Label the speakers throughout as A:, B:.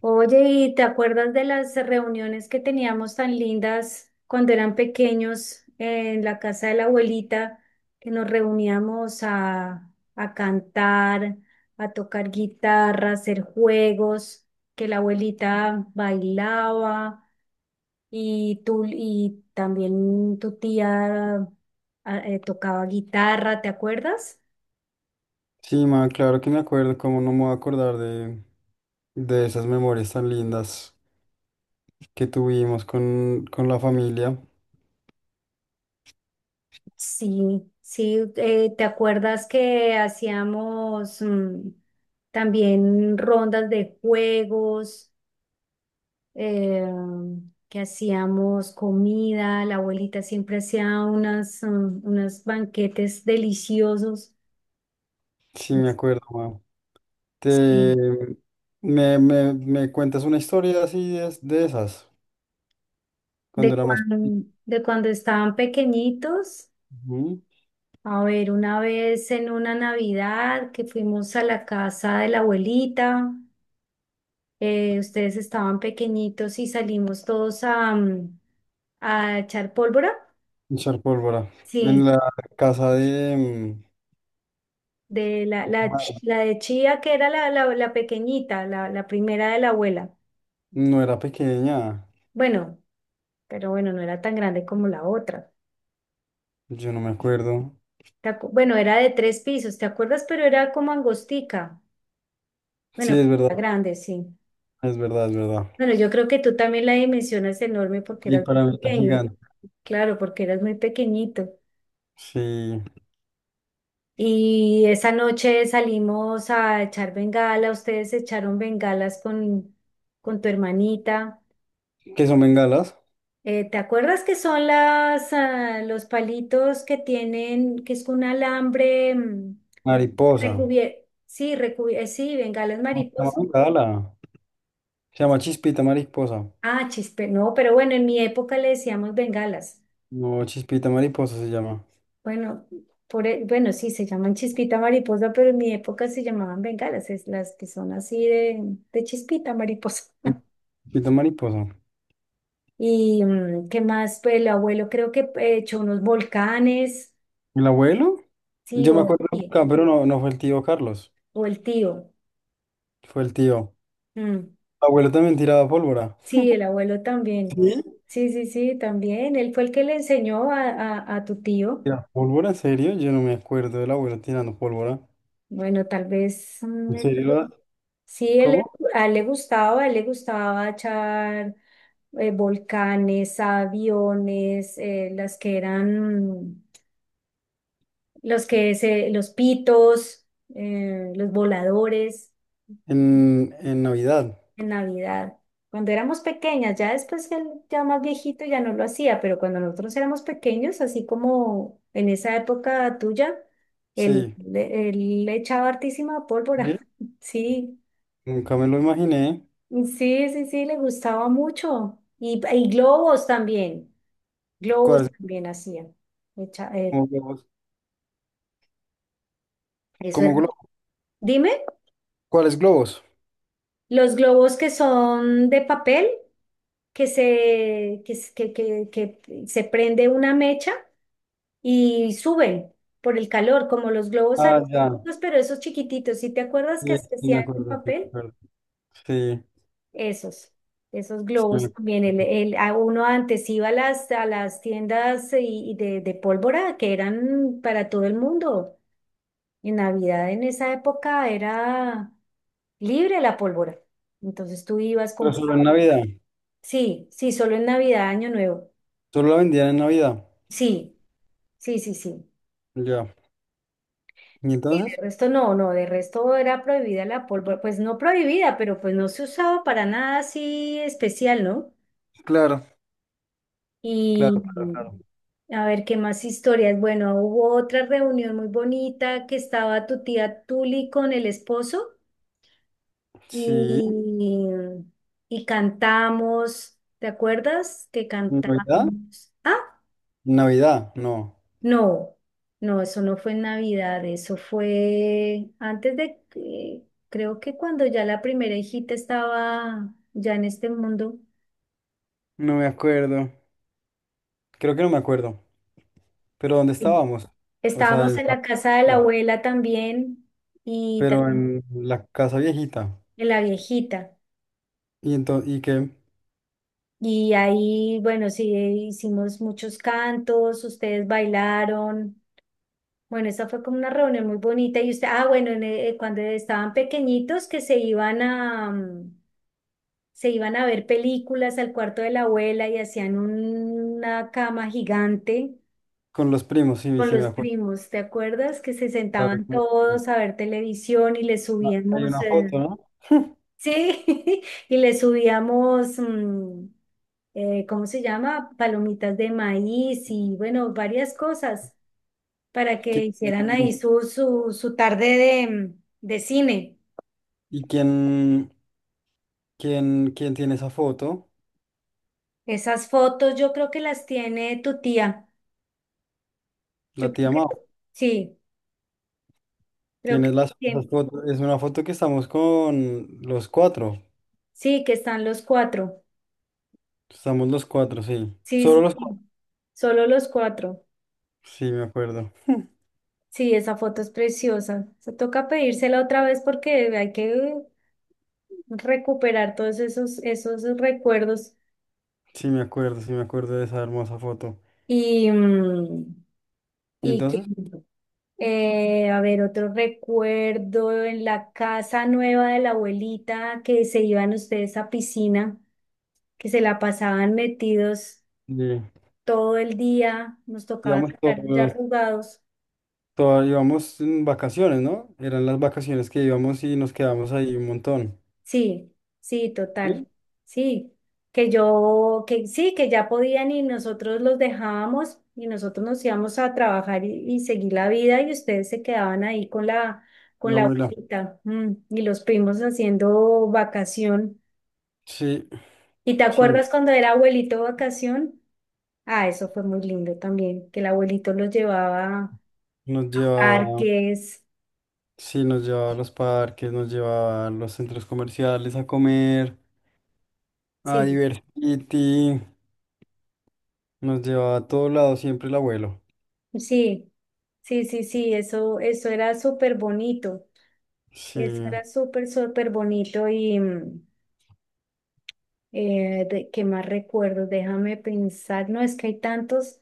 A: Oye, ¿y te acuerdas de las reuniones que teníamos tan lindas cuando eran pequeños en la casa de la abuelita, que nos reuníamos a cantar, a tocar guitarra, a hacer juegos, que la abuelita bailaba y tú y también tu tía tocaba guitarra, ¿te acuerdas?
B: Sí, man, claro que me acuerdo, cómo no me voy a acordar de esas memorias tan lindas que tuvimos con la familia.
A: Sí, sí, ¿te acuerdas que hacíamos también rondas de juegos, eh, que hacíamos comida, la abuelita siempre hacía unas, unos banquetes deliciosos.
B: Sí, me acuerdo, man. Te,
A: Sí.
B: me cuentas una historia así de esas, cuando era más pequeño.
A: De cuando estaban pequeñitos,
B: Ujú.
A: a ver, una vez en una Navidad que fuimos a la casa de la abuelita. Ustedes estaban pequeñitos y salimos todos a, a echar pólvora.
B: Echar pólvora. En
A: Sí,
B: la casa de.
A: de la de Chía, que era la pequeñita, la primera de la abuela.
B: No era pequeña,
A: Bueno, pero bueno, no era tan grande como la otra.
B: yo no me acuerdo.
A: Bueno, era de tres pisos, ¿te acuerdas? Pero era como angostica.
B: Sí,
A: Bueno,
B: es
A: pero
B: verdad,
A: era grande, sí.
B: es verdad, es verdad.
A: Bueno, yo creo que tú también la dimensión es enorme porque
B: Y
A: eras muy
B: para mí era
A: pequeño.
B: gigante.
A: Claro, porque eras muy pequeñito.
B: Sí,
A: Y esa noche salimos a echar bengala, ustedes echaron bengalas con tu hermanita.
B: ¿qué son bengalas?
A: ¿Te acuerdas que son las, ah, los palitos que tienen, que es un alambre
B: Mariposa.
A: recubierto? Sí, sí, bengalas
B: No,
A: mariposas.
B: Tamaranda, ala. Se llama Chispita Mariposa.
A: Ah, chispe, no, pero bueno, en mi época le decíamos bengalas.
B: No, Chispita Mariposa se llama.
A: Bueno, bueno, sí, se llaman chispita mariposa, pero en mi época se llamaban bengalas, es las que son así de chispita mariposa.
B: Sí, Chispita Mariposa.
A: Y qué más, pues el abuelo creo que echó unos volcanes,
B: ¿El abuelo?
A: sí,
B: Yo me acuerdo de acá, pero no, no fue el tío Carlos.
A: o el tío.
B: Fue el tío.
A: mm,
B: El abuelo también tiraba pólvora.
A: Sí, el abuelo también.
B: ¿Sí?
A: Sí, sí, sí, también. Él fue el que le enseñó a tu tío.
B: ¿Tiraba pólvora? ¿En serio? Yo no me acuerdo del abuelo tirando pólvora.
A: Bueno, tal vez
B: ¿En serio?
A: sí, él,
B: ¿Cómo?
A: a él le gustaba, a él le gustaba echar volcanes, aviones, las que eran los que se, los pitos, los voladores.
B: En Navidad.
A: En Navidad. Cuando éramos pequeñas, ya después él ya más viejito ya no lo hacía, pero cuando nosotros éramos pequeños, así como en esa época tuya,
B: Sí.
A: él le echaba hartísima pólvora.
B: ¿Sí?
A: Sí,
B: Nunca me lo imaginé.
A: sí, sí, sí, le gustaba mucho. Y globos
B: ¿Cuáles
A: también hacían. Echa- eh,
B: como globos?
A: Eso
B: ¿Cómo
A: era.
B: globos?
A: Dime,
B: ¿Cuáles globos?
A: los globos que son de papel, que se prende una mecha y suben por el calor, como los globos
B: Ah, ya.
A: aerostáticos, pero esos chiquititos, ¿si te acuerdas
B: Sí,
A: que se
B: sí me
A: hacían en
B: acuerdo, sí me
A: papel?
B: acuerdo. Sí.
A: Esos, esos globos
B: Sí.
A: también, a uno antes iba a las tiendas y de pólvora que eran para todo el mundo. En Navidad, en esa época, era libre la pólvora. Entonces tú ibas
B: Pero
A: con...
B: solo en Navidad.
A: Sí, sí, solo en Navidad, Año Nuevo.
B: Solo la vendían en Navidad.
A: Sí, sí, sí, sí.
B: Ya. ¿Y
A: De
B: entonces?
A: resto no, no, de resto era prohibida la pólvora, pues no prohibida, pero pues no se usaba para nada así especial, ¿no?
B: Claro,
A: Y
B: claro, claro, claro.
A: a ver qué más historias. Bueno, hubo otra reunión muy bonita que estaba tu tía Tuli con el esposo
B: Sí.
A: y, y cantamos, ¿te acuerdas? Que
B: ¿En Navidad?
A: cantamos.
B: Navidad, no.
A: No, no, eso no fue en Navidad, eso fue antes de que, creo que cuando ya la primera hijita estaba ya en este mundo.
B: No me acuerdo. Creo que no me acuerdo. Pero ¿dónde
A: Sí.
B: estábamos? O sea,
A: Estábamos en la casa de la
B: ya.
A: abuela también y
B: Pero
A: también
B: en la casa viejita.
A: en la viejita.
B: Y entonces, y que
A: Y ahí, bueno, sí, hicimos muchos cantos, ustedes bailaron. Bueno, esa fue como una reunión muy bonita. Y usted, ah, bueno, cuando estaban pequeñitos que se iban a... se iban a ver películas al cuarto de la abuela y hacían una cama gigante
B: con los primos, sí,
A: con
B: sí me
A: los
B: acuerdo.
A: primos, ¿te acuerdas? Que se
B: Claro, sí
A: sentaban
B: me acuerdo.
A: todos a ver televisión y le
B: Ah, hay
A: subíamos,
B: una foto, ¿no?
A: sí, y le subíamos, ¿cómo se llama? Palomitas de maíz y bueno, varias cosas para que
B: ¿Qui-
A: hicieran ahí su tarde de, de cine.
B: ¿Y quién tiene esa foto?
A: Esas fotos yo creo que las tiene tu tía. Yo
B: La
A: creo
B: tía Mau.
A: que sí. Creo que
B: Tienes las
A: bien.
B: fotos. Es una foto que estamos con los cuatro.
A: Sí, que están los cuatro.
B: Estamos los cuatro, sí.
A: Sí,
B: Solo
A: sí,
B: los cuatro.
A: sí. Solo los cuatro.
B: Sí, me acuerdo.
A: Sí, esa foto es preciosa. Se toca pedírsela otra vez porque hay que recuperar todos esos, esos recuerdos.
B: Sí, me acuerdo, sí, me acuerdo de esa hermosa foto.
A: Y,
B: Y
A: y que,
B: entonces,
A: a ver, otro recuerdo en la casa nueva de la abuelita que se iban ustedes a piscina, que se la pasaban metidos
B: eh,
A: todo el día, nos tocaba
B: íbamos
A: sacar ya
B: todos,
A: arrugados.
B: todos, íbamos en vacaciones, ¿no? Eran las vacaciones que íbamos y nos quedamos ahí un montón.
A: Sí, sí,
B: ¿Sí?
A: total. Sí, que yo, que sí, que ya podían y nosotros los dejábamos y nosotros nos íbamos a trabajar y seguir la vida y ustedes se quedaban ahí con
B: Mi
A: la
B: abuela.
A: abuelita y los primos haciendo vacación.
B: Sí,
A: ¿Y te
B: siempre
A: acuerdas cuando era abuelito vacación? Ah, eso fue muy lindo también, que el abuelito los llevaba
B: nos
A: a
B: llevaba,
A: parques.
B: sí, nos llevaba a los parques, nos llevaba a los centros comerciales a comer, a
A: Sí,
B: divertirte. Nos llevaba a todos lados siempre el abuelo.
A: sí, sí, sí, sí, eso era súper bonito.
B: Sí.
A: Eso era súper, súper bonito y ¿qué más recuerdo? Déjame pensar, no, es que hay tantos.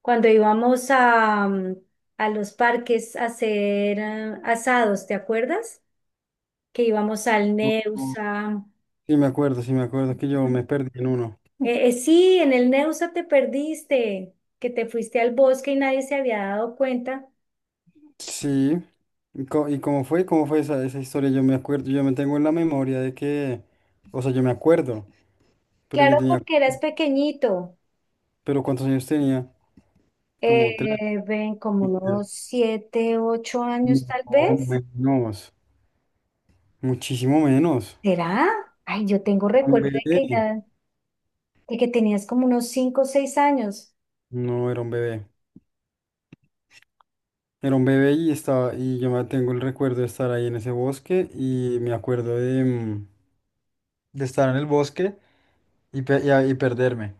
A: Cuando íbamos a, a los parques a hacer asados, ¿te acuerdas? Que íbamos al
B: Ujú.
A: Neusa.
B: Sí, me acuerdo que yo me
A: Ujú.
B: perdí en uno.
A: Sí, en el Neusa te perdiste, que te fuiste al bosque y nadie se había dado cuenta.
B: Sí. ¿Y cómo fue? ¿Cómo fue esa historia? Yo me acuerdo, yo me tengo en la memoria de que, o sea, yo me acuerdo, pero yo
A: Claro,
B: tenía,
A: porque eras pequeñito,
B: pero ¿cuántos años tenía? Como tres.
A: eh, ven, como
B: como que-
A: unos siete, ocho años tal
B: No,
A: vez.
B: menos, muchísimo menos.
A: ¿Será? Ay, yo tengo
B: Era un
A: recuerdo de
B: bebé.
A: que ya, de que tenías como unos cinco o seis años.
B: No, era un bebé. Era un bebé y estaba, y yo me tengo el recuerdo de estar ahí en ese bosque y me acuerdo de estar en el bosque. Y perderme.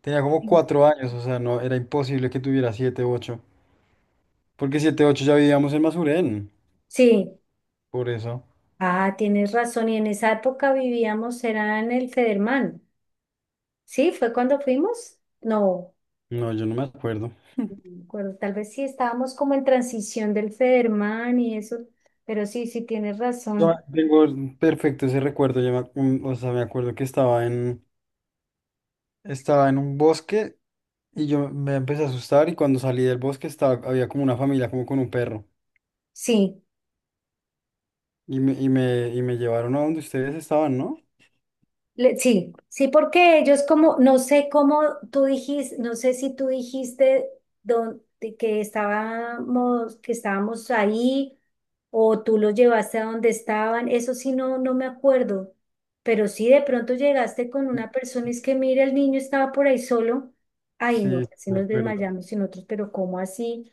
B: Tenía como cuatro años, o sea, no, era imposible que tuviera siete, u ocho. Porque siete, u ocho ya vivíamos en Masuren.
A: Sí,
B: Por eso.
A: ah, tienes razón. Y en esa época vivíamos, era en el Federman. ¿Sí? ¿Fue cuando fuimos? No,
B: No, yo no me acuerdo.
A: no me acuerdo. Tal vez sí estábamos como en transición del Federman y eso, pero sí, sí tienes
B: Yo
A: razón.
B: tengo perfecto ese recuerdo. Yo me, ac- mm, O sea, me acuerdo que estaba en un bosque y yo me empecé a asustar y cuando salí del bosque estaba, había como una familia, como con un perro.
A: Sí,
B: Y me llevaron a donde ustedes estaban, ¿no?
A: Sí, sí, porque ellos como, no sé cómo tú dijiste, no sé si tú dijiste de que estábamos ahí o tú los llevaste a donde estaban, eso sí no, no me acuerdo, pero si de pronto llegaste con una persona y es que mira, el niño estaba por ahí solo, ay no,
B: Sí,
A: así
B: me
A: nos
B: acuerdo.
A: desmayamos y nosotros, pero ¿cómo así?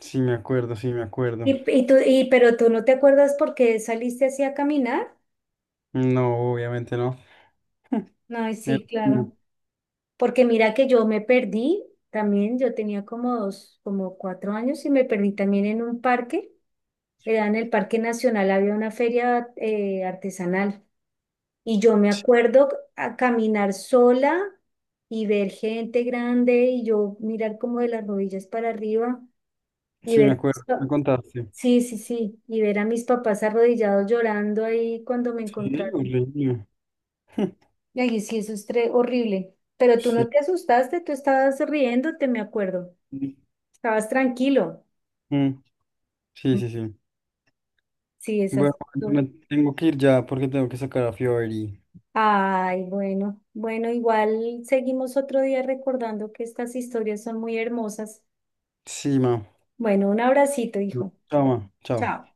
B: Sí, me acuerdo, sí, me acuerdo.
A: Pero ¿tú no te acuerdas por qué saliste así a caminar?
B: No, obviamente no.
A: Ay,
B: Eh,
A: sí,
B: no.
A: claro. Porque mira que yo me perdí también, yo tenía como dos, como cuatro años y me perdí también en un parque, era en el Parque Nacional, había una feria artesanal y yo me acuerdo a caminar sola y ver gente grande y yo mirar como de las rodillas para arriba y
B: Sí, me
A: ver,
B: acuerdo, me contaste.
A: sí, sí, sí, y ver a mis papás arrodillados llorando ahí cuando me
B: Sí,
A: encontraron.
B: horrible.
A: Y ahí sí, eso es horrible. Pero tú no
B: Sí.
A: te asustaste, tú estabas riéndote, me acuerdo. Estabas tranquilo.
B: Mm, sí, sí, sí.
A: Sí, esas.
B: Bueno, yo me tengo que ir ya porque tengo que sacar a Fiori.
A: Ay, bueno, bueno, igual seguimos otro día recordando que estas historias son muy hermosas.
B: Sí, ma.
A: Bueno, un abracito, hijo.
B: Chao, ma. Chao.
A: Chao.